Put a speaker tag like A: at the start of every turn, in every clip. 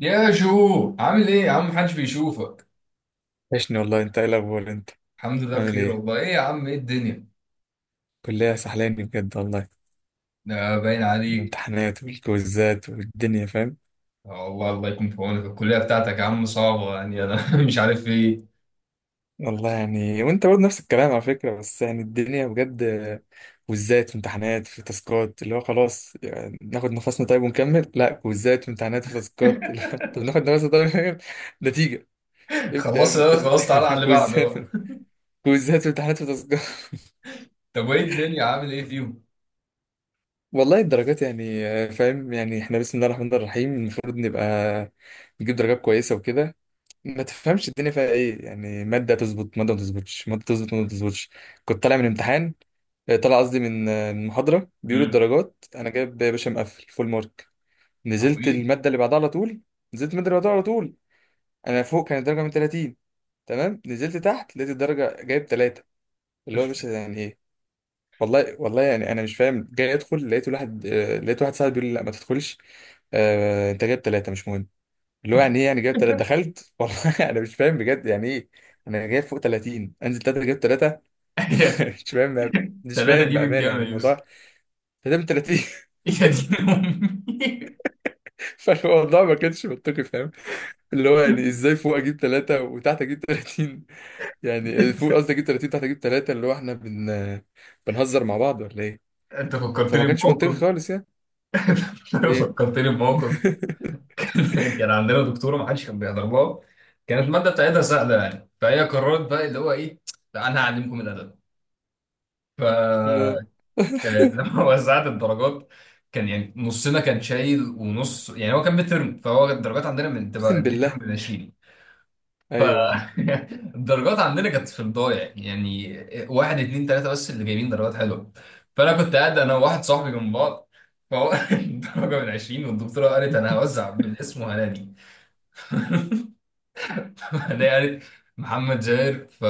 A: يا جو، عامل ايه يا عم؟ محدش بيشوفك.
B: وحشني والله، انت ايه الاخبار؟ انت
A: الحمد لله
B: عامل
A: بخير
B: ايه؟
A: والله. ايه يا عم؟ ايه الدنيا؟
B: كلية سحلاني بجد والله.
A: ده باين عليك.
B: الامتحانات والكويزات والدنيا، فاهم؟
A: آه والله، الله يكون في عونك. الكلية بتاعتك يا عم صعبة يعني، انا مش عارف ايه.
B: والله يعني وانت برضه نفس الكلام على فكرة، بس يعني الدنيا بجد كويزات وامتحانات في تاسكات، اللي هو خلاص يعني ناخد نفسنا طيب ونكمل؟ لا، كويزات وامتحانات في تاسكات لا، طب ناخد نفسنا طيب ونكمل. نتيجة ابدأ يا
A: خلصت
B: ابني
A: ده،
B: الترم
A: خلاص تعالى على
B: التاني
A: اللي بعده بقى.
B: كويزات وامتحانات في تاسكات.
A: طب وايه الدنيا؟ عامل ايه فيهم؟
B: والله الدرجات يعني فاهم؟ يعني احنا بسم الله الرحمن الرحيم المفروض نبقى نجيب درجات كويسة وكده. ما تفهمش الدنيا فيها ايه يعني، ماده تظبط ماده ما تظبطش، ماده تظبط ماده ما تظبطش. كنت طالع من امتحان آه، طالع قصدي من آه، من محاضره، بيقولوا
A: امم
B: الدرجات انا جايب يا باشا مقفل فول مارك. نزلت
A: عظيم.
B: الماده اللي بعدها على طول نزلت الماده اللي بعدها على طول. انا فوق كانت درجه من 30، تمام. نزلت تحت لقيت الدرجه جايب 3. اللي هو يا باشا يعني ايه؟ والله والله يعني انا مش فاهم. جاي ادخل لقيت واحد لقيت واحد صاحبي بيقول لي: لا ما تدخلش، انت جايب 3 مش مهم. اللي هو يعني ايه يعني، جايب تلاتة، دخلت والله انا مش فاهم بجد يعني ايه. انا جايب فوق 30 انزل تلاتة، جايب تلاتة. مش فاهم.
A: الثلاثة دي من
B: بامانه
A: كام
B: يعني
A: يا
B: الموضوع،
A: يوسف؟
B: تمام 30.
A: يا دين امي!
B: فالموضوع ما كانش منطقي، فاهم؟ اللي هو يعني ازاي فوق اجيب تلاتة وتحت اجيب 30، يعني فوق قصدي اجيب 30 تحت اجيب تلاتة، اللي هو احنا بنهزر مع بعض ولا ايه؟
A: انت
B: فما
A: فكرتني
B: كانش منطقي
A: بموقف.
B: خالص يعني. ايه؟
A: فكرتني بموقف. كان عندنا دكتوره ما حدش كان بيحضر لها. كانت الماده بتاعتها سهله يعني، فهي قررت بقى اللي هو ايه، لا انا هعلمكم الادب. ف لما وزعت الدرجات كان يعني نصنا كان شايل ونص، يعني هو كان ميد ترم، فهو الدرجات عندنا من تبقى
B: اقسم
A: الميد ترم
B: بالله.
A: ب 20. ف
B: ايوه، أيوة.
A: الدرجات عندنا كانت في الضايع، يعني واحد اتنين تلاته بس اللي جايبين درجات حلوه. فانا كنت قاعد انا وواحد صاحبي جنب بعض، فهو الدرجه من 20، والدكتوره قالت انا هوزع بالاسم وهنادي. انا قالت محمد زاهر. ف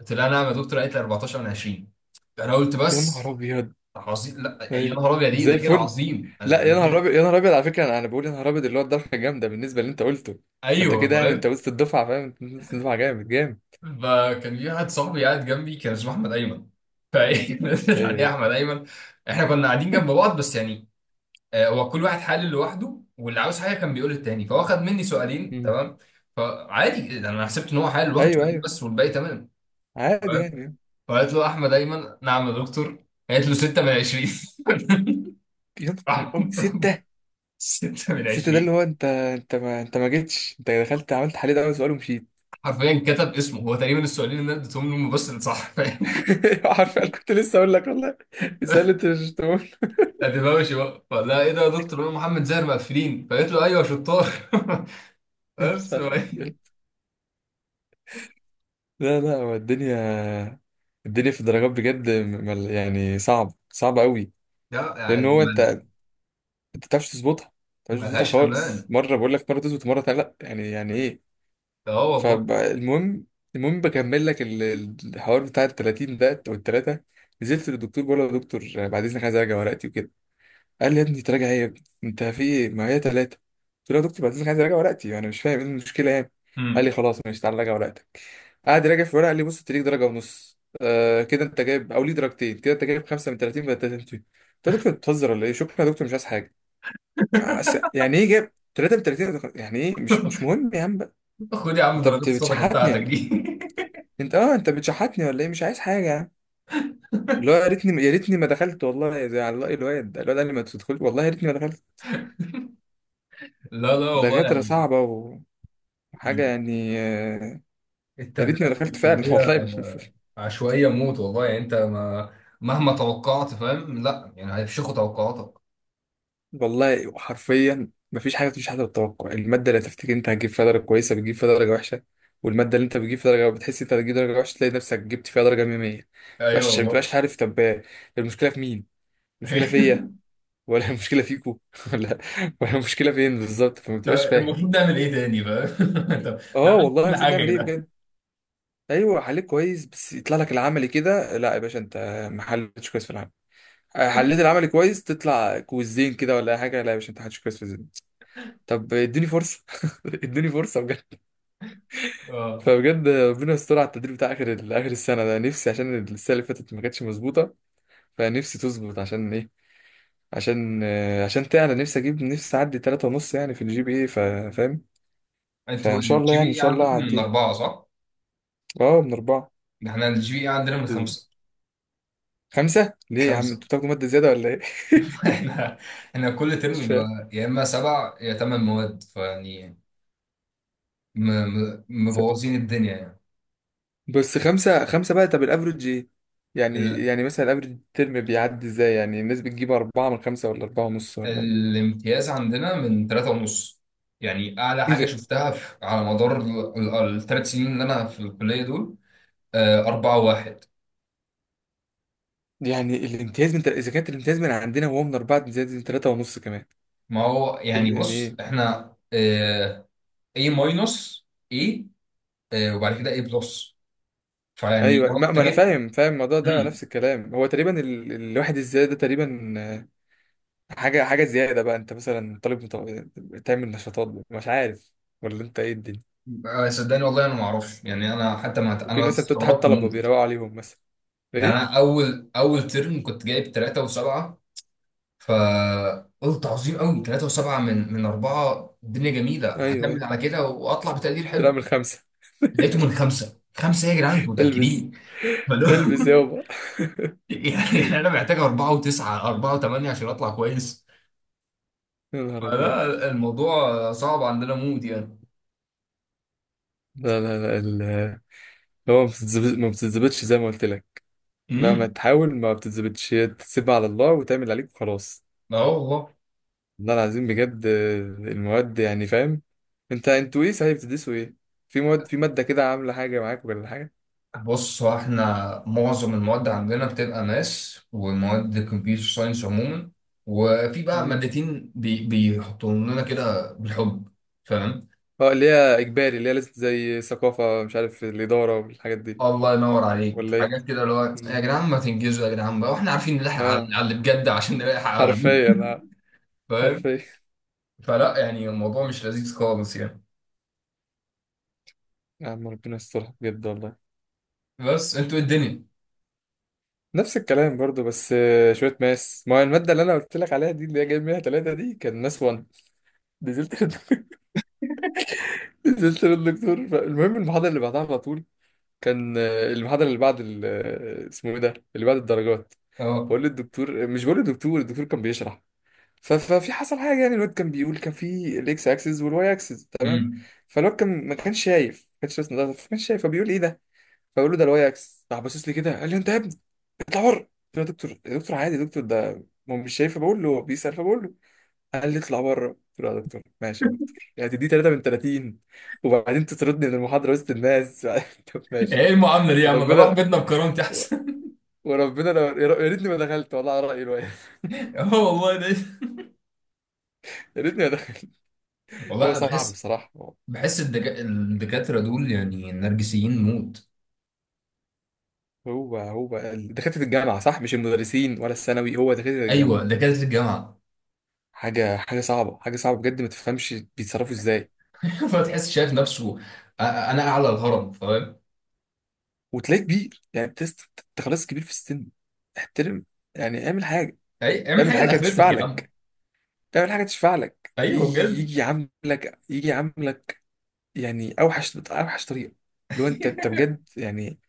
A: قلت لها نعم يا دكتور. قالت لي 14 من 20. انا قلت
B: يا
A: بس.
B: نهار ابيض.
A: عظيم، لا يا
B: ايوه
A: نهار ابيض، ايه
B: زي
A: ده كده؟
B: الفل.
A: عظيم. أنا-
B: لا يا
A: أنا
B: نهار
A: كده.
B: ابيض، يا نهار ابيض على فكره، أنا بقول يا نهار ابيض اللي هو الضربه جامده بالنسبه اللي انت قلته. فانت
A: ايوه،
B: كده يعني انت
A: فاهم.
B: وسط الدفعه، فاهم؟ انت وسط الدفعه جامد جامد.
A: فكان في واحد صاحبي قاعد جنبي، كان اسمه احمد ايمن. فايه نزلت عليه
B: ايوه.
A: احمد ايمن. احنا كنا قاعدين جنب بعض بس يعني، هو كل واحد حلل لوحده واللي عاوز حاجه كان بيقول للتاني، فهو خد مني سؤالين
B: مم.
A: تمام. فعادي انا حسبت ان هو حلل واخد
B: ايوه
A: سؤالين
B: ايوه،
A: بس والباقي تمام.
B: عادي يعني.
A: فقالت له احمد ايمن، نعم يا دكتور. قالت له 6 من 20.
B: يا نهار
A: راح
B: ابيض
A: راح،
B: سته.
A: 6 من
B: سته ده
A: 20.
B: اللي هو انت، انت ما جيتش، انت دخلت عملت حل ده اول سؤال ومشيت.
A: حرفيا كتب اسمه. هو تقريبا السؤالين اللي انا اديتهم له هم بس اللي صح، فاهم.
B: عارف كنت لسه اقول لك والله، السؤال اللي انت مش تقول.
A: ادبوشي بقى. فلا ايه ده يا دكتور، انا محمد زاهر مقفلين. فقالت له ايوه يا شطار.
B: مش
A: بس
B: عارف إيه. لا لا، هو الدنيا، الدنيا في الدرجات بجد، يعني صعب صعب قوي.
A: لا يعني
B: لان هو انت،
A: ما-
B: انت ما بتعرفش تظبطها،
A: ملهاش
B: خالص،
A: امان.
B: مره بقول لك مره تظبط مره تانية لا، يعني يعني ايه.
A: اه والله.
B: فالمهم، المهم بكمل لك الحوار بتاع ال 30 ده او الثلاثه. نزلت للدكتور بقول له: يا دكتور بعد اذنك عايز اراجع ورقتي وكده. قال لي: يا ابني تراجع ايه يا ابني، انت في ايه، ما هي ثلاثه. قلت له: يا دكتور بعد اذنك عايز اراجع ورقتي، انا مش فاهم ايه المشكله يعني. قال لي:
A: امم
B: خلاص ماشي تعالى راجع ورقتك. قعد يراجع في ورقه قال لي: بص انت ليك درجه ونص، آه كده انت جايب، او ليه درجتين كده، انت جايب خمسه من 30 بدل 30. قلت له: يا دكتور بتهزر ولا ايه، شكرا يا دكتور مش عايز حاجه. يعني ايه جاب 33 يعني ايه مش مهم يا عم بقى.
A: خد يا عم
B: انت
A: درجات الصدقه
B: بتشحتني
A: بتاعتك
B: ولا إيه؟
A: دي.
B: انت، اه انت بتشحتني ولا ايه، مش عايز حاجه يا عم. اللي هو يا ريتني ما دخلت والله، زي على رأي الواد ده، الواد قال لي ما تدخلش. والله يا ريتني ما دخلت.
A: لا لا والله
B: دكاتره
A: يعني،
B: صعبه وحاجه يعني يا ريتني ما
A: التقديرات في
B: دخلت فعلا والله.
A: الكلية عشوائية موت والله. يعني انت ما مهما توقعت فاهم، لا يعني هيفشخوا توقعاتك.
B: والله حرفيا مفيش حاجه، مفيش حاجه بالتوقع، الماده اللي تفتكر انت هتجيب فيها درجه كويسه بتجيب فيها درجه وحشه، والماده اللي انت بتجيب فيها درجه بتحس انت هتجيب درجه وحشه تلاقي نفسك جبت فيها درجه 100.
A: ايوه
B: ما
A: والله.
B: تبقاش عارف. طب المشكله في مين؟ مشكله فيا ولا مشكله فيكو ولا، ولا مشكله فين بالظبط؟ فما
A: طب
B: بتبقاش فاهم.
A: المفروض نعمل ايه تاني، فاهم. طب انا
B: اه
A: عملت
B: والله
A: كل
B: المفروض
A: حاجه
B: نعمل ايه
A: كده.
B: بجد. ايوه حليت كويس بس يطلع لك العملي كده، لا يا باشا انت ما حلتش كويس في العمل. حليت العملي كويس تطلع كويزين كده ولا أي حاجه، لا يا باشا انت ما حلتش كويس في الزين. طب اديني فرصه اديني فرصه بجد.
A: اه،
B: فبجد ربنا يستر على التدريب بتاع اخر السنه ده، نفسي عشان السنه اللي فاتت ما كانتش مظبوطه. فنفسي تظبط، عشان ايه؟ عشان تعلى نفسي، اجيب نفسي اعدي 3 ونص يعني في الجي بي اي، فاهم؟
A: انتوا
B: فان شاء الله
A: الجي
B: يعني ان
A: بي اي
B: شاء الله
A: عندكم من
B: اعديها.
A: أربعة، صح؟
B: اه من اربعه.
A: ده احنا الجي بي اي عندنا من
B: انتوا
A: خمسة.
B: خمسه ليه يا عم،
A: خمسة
B: انتوا بتاخدوا ماده زياده ولا ايه؟
A: احنا احنا كل
B: مش
A: ترم
B: فاهم.
A: بيبقى يا إما سبع يا تمن مواد، فيعني
B: س-
A: مبوظين الدنيا.
B: بس خمسه خمسه بقى، طب الافرج ايه؟ يعني
A: يعني
B: يعني مثلا الافرج الترم بيعدي ازاي، يعني الناس بتجيب اربعه من خمسه ولا اربعه ونص ولا ايه؟
A: الامتياز عندنا من تلاتة ونص. يعني أعلى
B: ايه
A: حاجة
B: ده؟
A: شفتها في على مدار الثلاث سنين اللي أنا في الكلية دول، أربعة واحد.
B: يعني الامتياز من تل... اذا كانت الامتياز من عندنا وهو من اربعه، امتياز من ثلاثه ونص كمان.
A: ما هو يعني
B: يعني
A: بص
B: ايه؟
A: إحنا، A ماينس، A، وبعد كده A بلس. فيعني
B: ايوه
A: لو أنت
B: ما انا
A: جيت.
B: فاهم، فاهم الموضوع ده
A: مم.
B: نفس الكلام. هو تقريبا ال... الواحد ازاي ده تقريبا. حاجة حاجة زيادة بقى، انت مثلا طالب تعمل نشاطات، مش عارف ولا انت ايه الدنيا.
A: صدقني والله، أنا ما أعرفش يعني. أنا حتى ما
B: ممكن
A: أنا
B: مثلا بتتحد
A: استغربت
B: طلبة
A: موت.
B: بيروقوا عليهم مثلا،
A: يعني
B: ايه.
A: أنا أول ترم كنت جايب تلاتة وسبعة. فقلت عظيم قوي، 3 و7 من 4. الدنيا جميله،
B: ايوه
A: هكمل
B: ايه.
A: على كده واطلع بتقدير
B: ترى
A: حلو.
B: من خمسة.
A: لقيته من 5 5، يا جدعان انتوا
B: البس،
A: متاكدين؟ فلو
B: البس يابا.
A: يعني انا محتاج 4 و9، 4 و8 عشان اطلع كويس.
B: يا نهار ابيض.
A: فلا الموضوع صعب عندنا مود يعني.
B: لا لا لا، هو ما بتتظبطش زي ما قلت لك، مهما
A: امم
B: تحاول ما بتتظبطش، هي تسيبها على الله وتعمل عليك وخلاص.
A: لا والله.
B: والله العظيم بجد المواد يعني، فاهم. انت انتوا ايه صحيح بتدرسوا ايه؟ في مواد، في مادة كده عاملة حاجة معاك ولا
A: بص هو احنا معظم المواد عندنا بتبقى ماس ومواد كمبيوتر ساينس عموما. وفي بقى
B: حاجة؟
A: مادتين بيحطوا لنا كده بالحب، فاهم.
B: اه، اللي هي اجباري، اللي هي لازم زي ثقافه، مش عارف الاداره والحاجات دي
A: الله ينور عليك.
B: ولا ايه.
A: حاجات كده اللي هو يا
B: مم.
A: جدعان ما تنجزوا، يا جدعان بقى واحنا عارفين نلحق على
B: اه
A: اللي بجد عشان نلحق على ده.
B: حرفيا، اه
A: فاهم.
B: حرفيا.
A: فلا يعني الموضوع مش لذيذ خالص يعني.
B: يا عم ربنا يسترها بجد والله.
A: بس انتوا إيه الدنيا؟
B: نفس الكلام برضو، بس شويه ماس. ما هي الماده اللي انا قلت لك عليها دي، اللي هي جايب منها ثلاثه دي، كان ماس 1. نزلت للدك- نزلت للدكتور، المهم المحاضره اللي بعدها على طول، كان المحاضره اللي بعد اسمه ايه ده اللي بعد الدرجات،
A: اه.
B: بقول للدكتور مش بقول للدكتور، الدكتور كان بيشرح. ففي حصل حاجه، يعني الواد كان بيقول كان في الاكس اكسس والواي اكسس، تمام.
A: امم
B: فالواد كان ما كانش شايف، ما كانش راسم ده ما كانش شايف، فبيقول ايه ده. فبقول له ده الواي اكسس، راح باصص لي كده قال لي: انت يا ابني اطلع بره. قلت له: يا دكتور، يا دكتور عادي يا دكتور ده، ما هو مش شايف، بقول له هو بيسال فبقول له. قال لي: اطلع بره. قلت له: يا دكتور ماشي يا دكتور، يعني تدي 3 من 30 وبعدين تطردني من المحاضره وسط الناس طب
A: ايه
B: ماشي.
A: المعامله دي يا عم؟ انا اروح
B: وربنا
A: بيتنا بكرامتي احسن.
B: وربنا لو يا ريتني ما دخلت والله، على رايي الواد.
A: اه والله ده.
B: يا ريتني ما دخلت. هو
A: والله أنا
B: صعب
A: بحس.
B: بصراحه.
A: الدكاتره دول يعني نرجسيين موت.
B: هو دكاترة الجامعة صح، مش المدرسين ولا الثانوي، هو دكاترة
A: ايوه،
B: الجامعة،
A: دكاتره الجامعه.
B: حاجة حاجة صعبة، حاجة صعبة بجد، ما تفهمش بيتصرفوا ازاي.
A: فتحس شايف نفسه، انا اعلى الهرم، فاهم.
B: وتلاقيه كبير، يعني تست انت خلاص كبير في السن، احترم يعني، اعمل حاجة،
A: اعمل
B: اعمل
A: حاجه
B: حاجة
A: لاخرتك
B: تشفع
A: يا عم.
B: لك، اعمل حاجة تشفع لك،
A: ايوه
B: يجي
A: بجد.
B: يجي يعاملك، يجي يعاملك يعني اوحش اوحش طريقة. اللي هو انت، انت بجد يعني،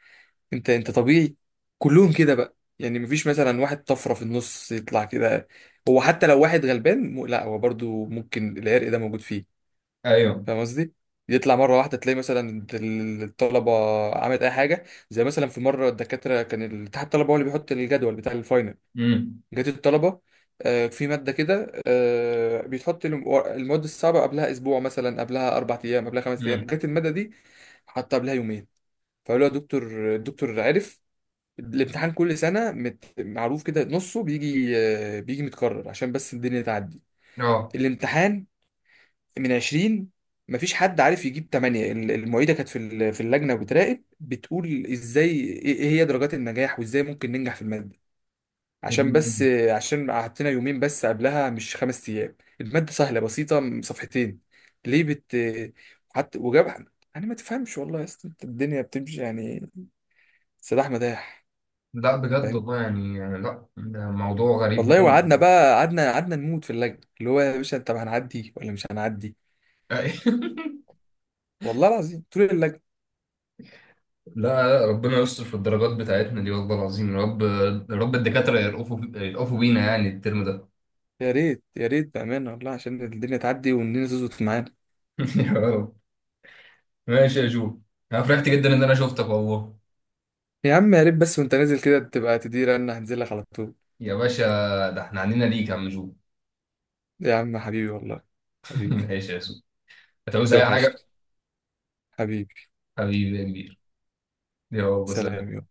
B: انت طبيعي. كلهم كده بقى يعني، مفيش مثلا واحد طفره في النص يطلع كده. هو حتى لو واحد غلبان م... لا هو برضو ممكن العرق ده موجود فيه،
A: ايوه.
B: فاهم قصدي. يطلع مره واحده تلاقي مثلا الطلبه عملت اي حاجه. زي مثلا في مره الدكاتره، كان الاتحاد الطلبه هو اللي بيحط الجدول بتاع الفاينل،
A: امم
B: جات الطلبه في ماده كده بيتحط المواد الصعبه قبلها اسبوع مثلا، قبلها اربع ايام، قبلها خمس ايام،
A: امم
B: جت الماده دي حطها قبلها يومين. فقالوا له: يا دكتور. الدكتور عرف، الامتحان كل سنة مت... معروف كده نصه بيجي بيجي متكرر عشان بس الدنيا تعدي.
A: اه،
B: الامتحان من 20، مفيش حد عارف يجيب 8. المعيدة كانت في في اللجنة بتراقب بتقول: ازاي، ايه إيه هي درجات النجاح وازاي ممكن ننجح في المادة،
A: هي دي.
B: عشان بس عشان قعدتنا يومين بس قبلها مش خمس ايام. المادة سهلة بسيطة صفحتين، ليه بت حتى وجاب يعني. ما تفهمش والله يا اسطى، الدنيا بتمشي يعني سداح مداح.
A: لا بجد
B: فاهم؟
A: والله، يعني لا ده موضوع غريب
B: والله
A: ممكن.
B: وقعدنا بقى، قعدنا نموت في اللجنه، اللي هو يا باشا طب هنعدي ولا مش هنعدي، والله العظيم طول اللجنه.
A: لا لا، ربنا يستر في الدرجات بتاعتنا دي والله العظيم، يا رب. يا رب الدكاترة يرقفوا يرقفوا بينا، يعني الترم ده.
B: يا ريت يا ريت بامانه والله عشان الدنيا تعدي والدنيا تظبط معانا.
A: يا رب. ماشي يا جو. انا فرحت جدا ان انا شفتك والله.
B: يا عم يا ريت بس، وانت نازل كده تبقى تدير، انا هنزل لك على طول.
A: يا باشا، ده احنا علينا ليك يا عم جو.
B: يا عم حبيبي والله، حبيبي،
A: ماشي يا جو. هتعوز اي
B: توحشني.
A: حاجة؟
B: حبيبي.
A: حبيبي يا كبير. يا الله،
B: سلام
A: سلام.
B: يا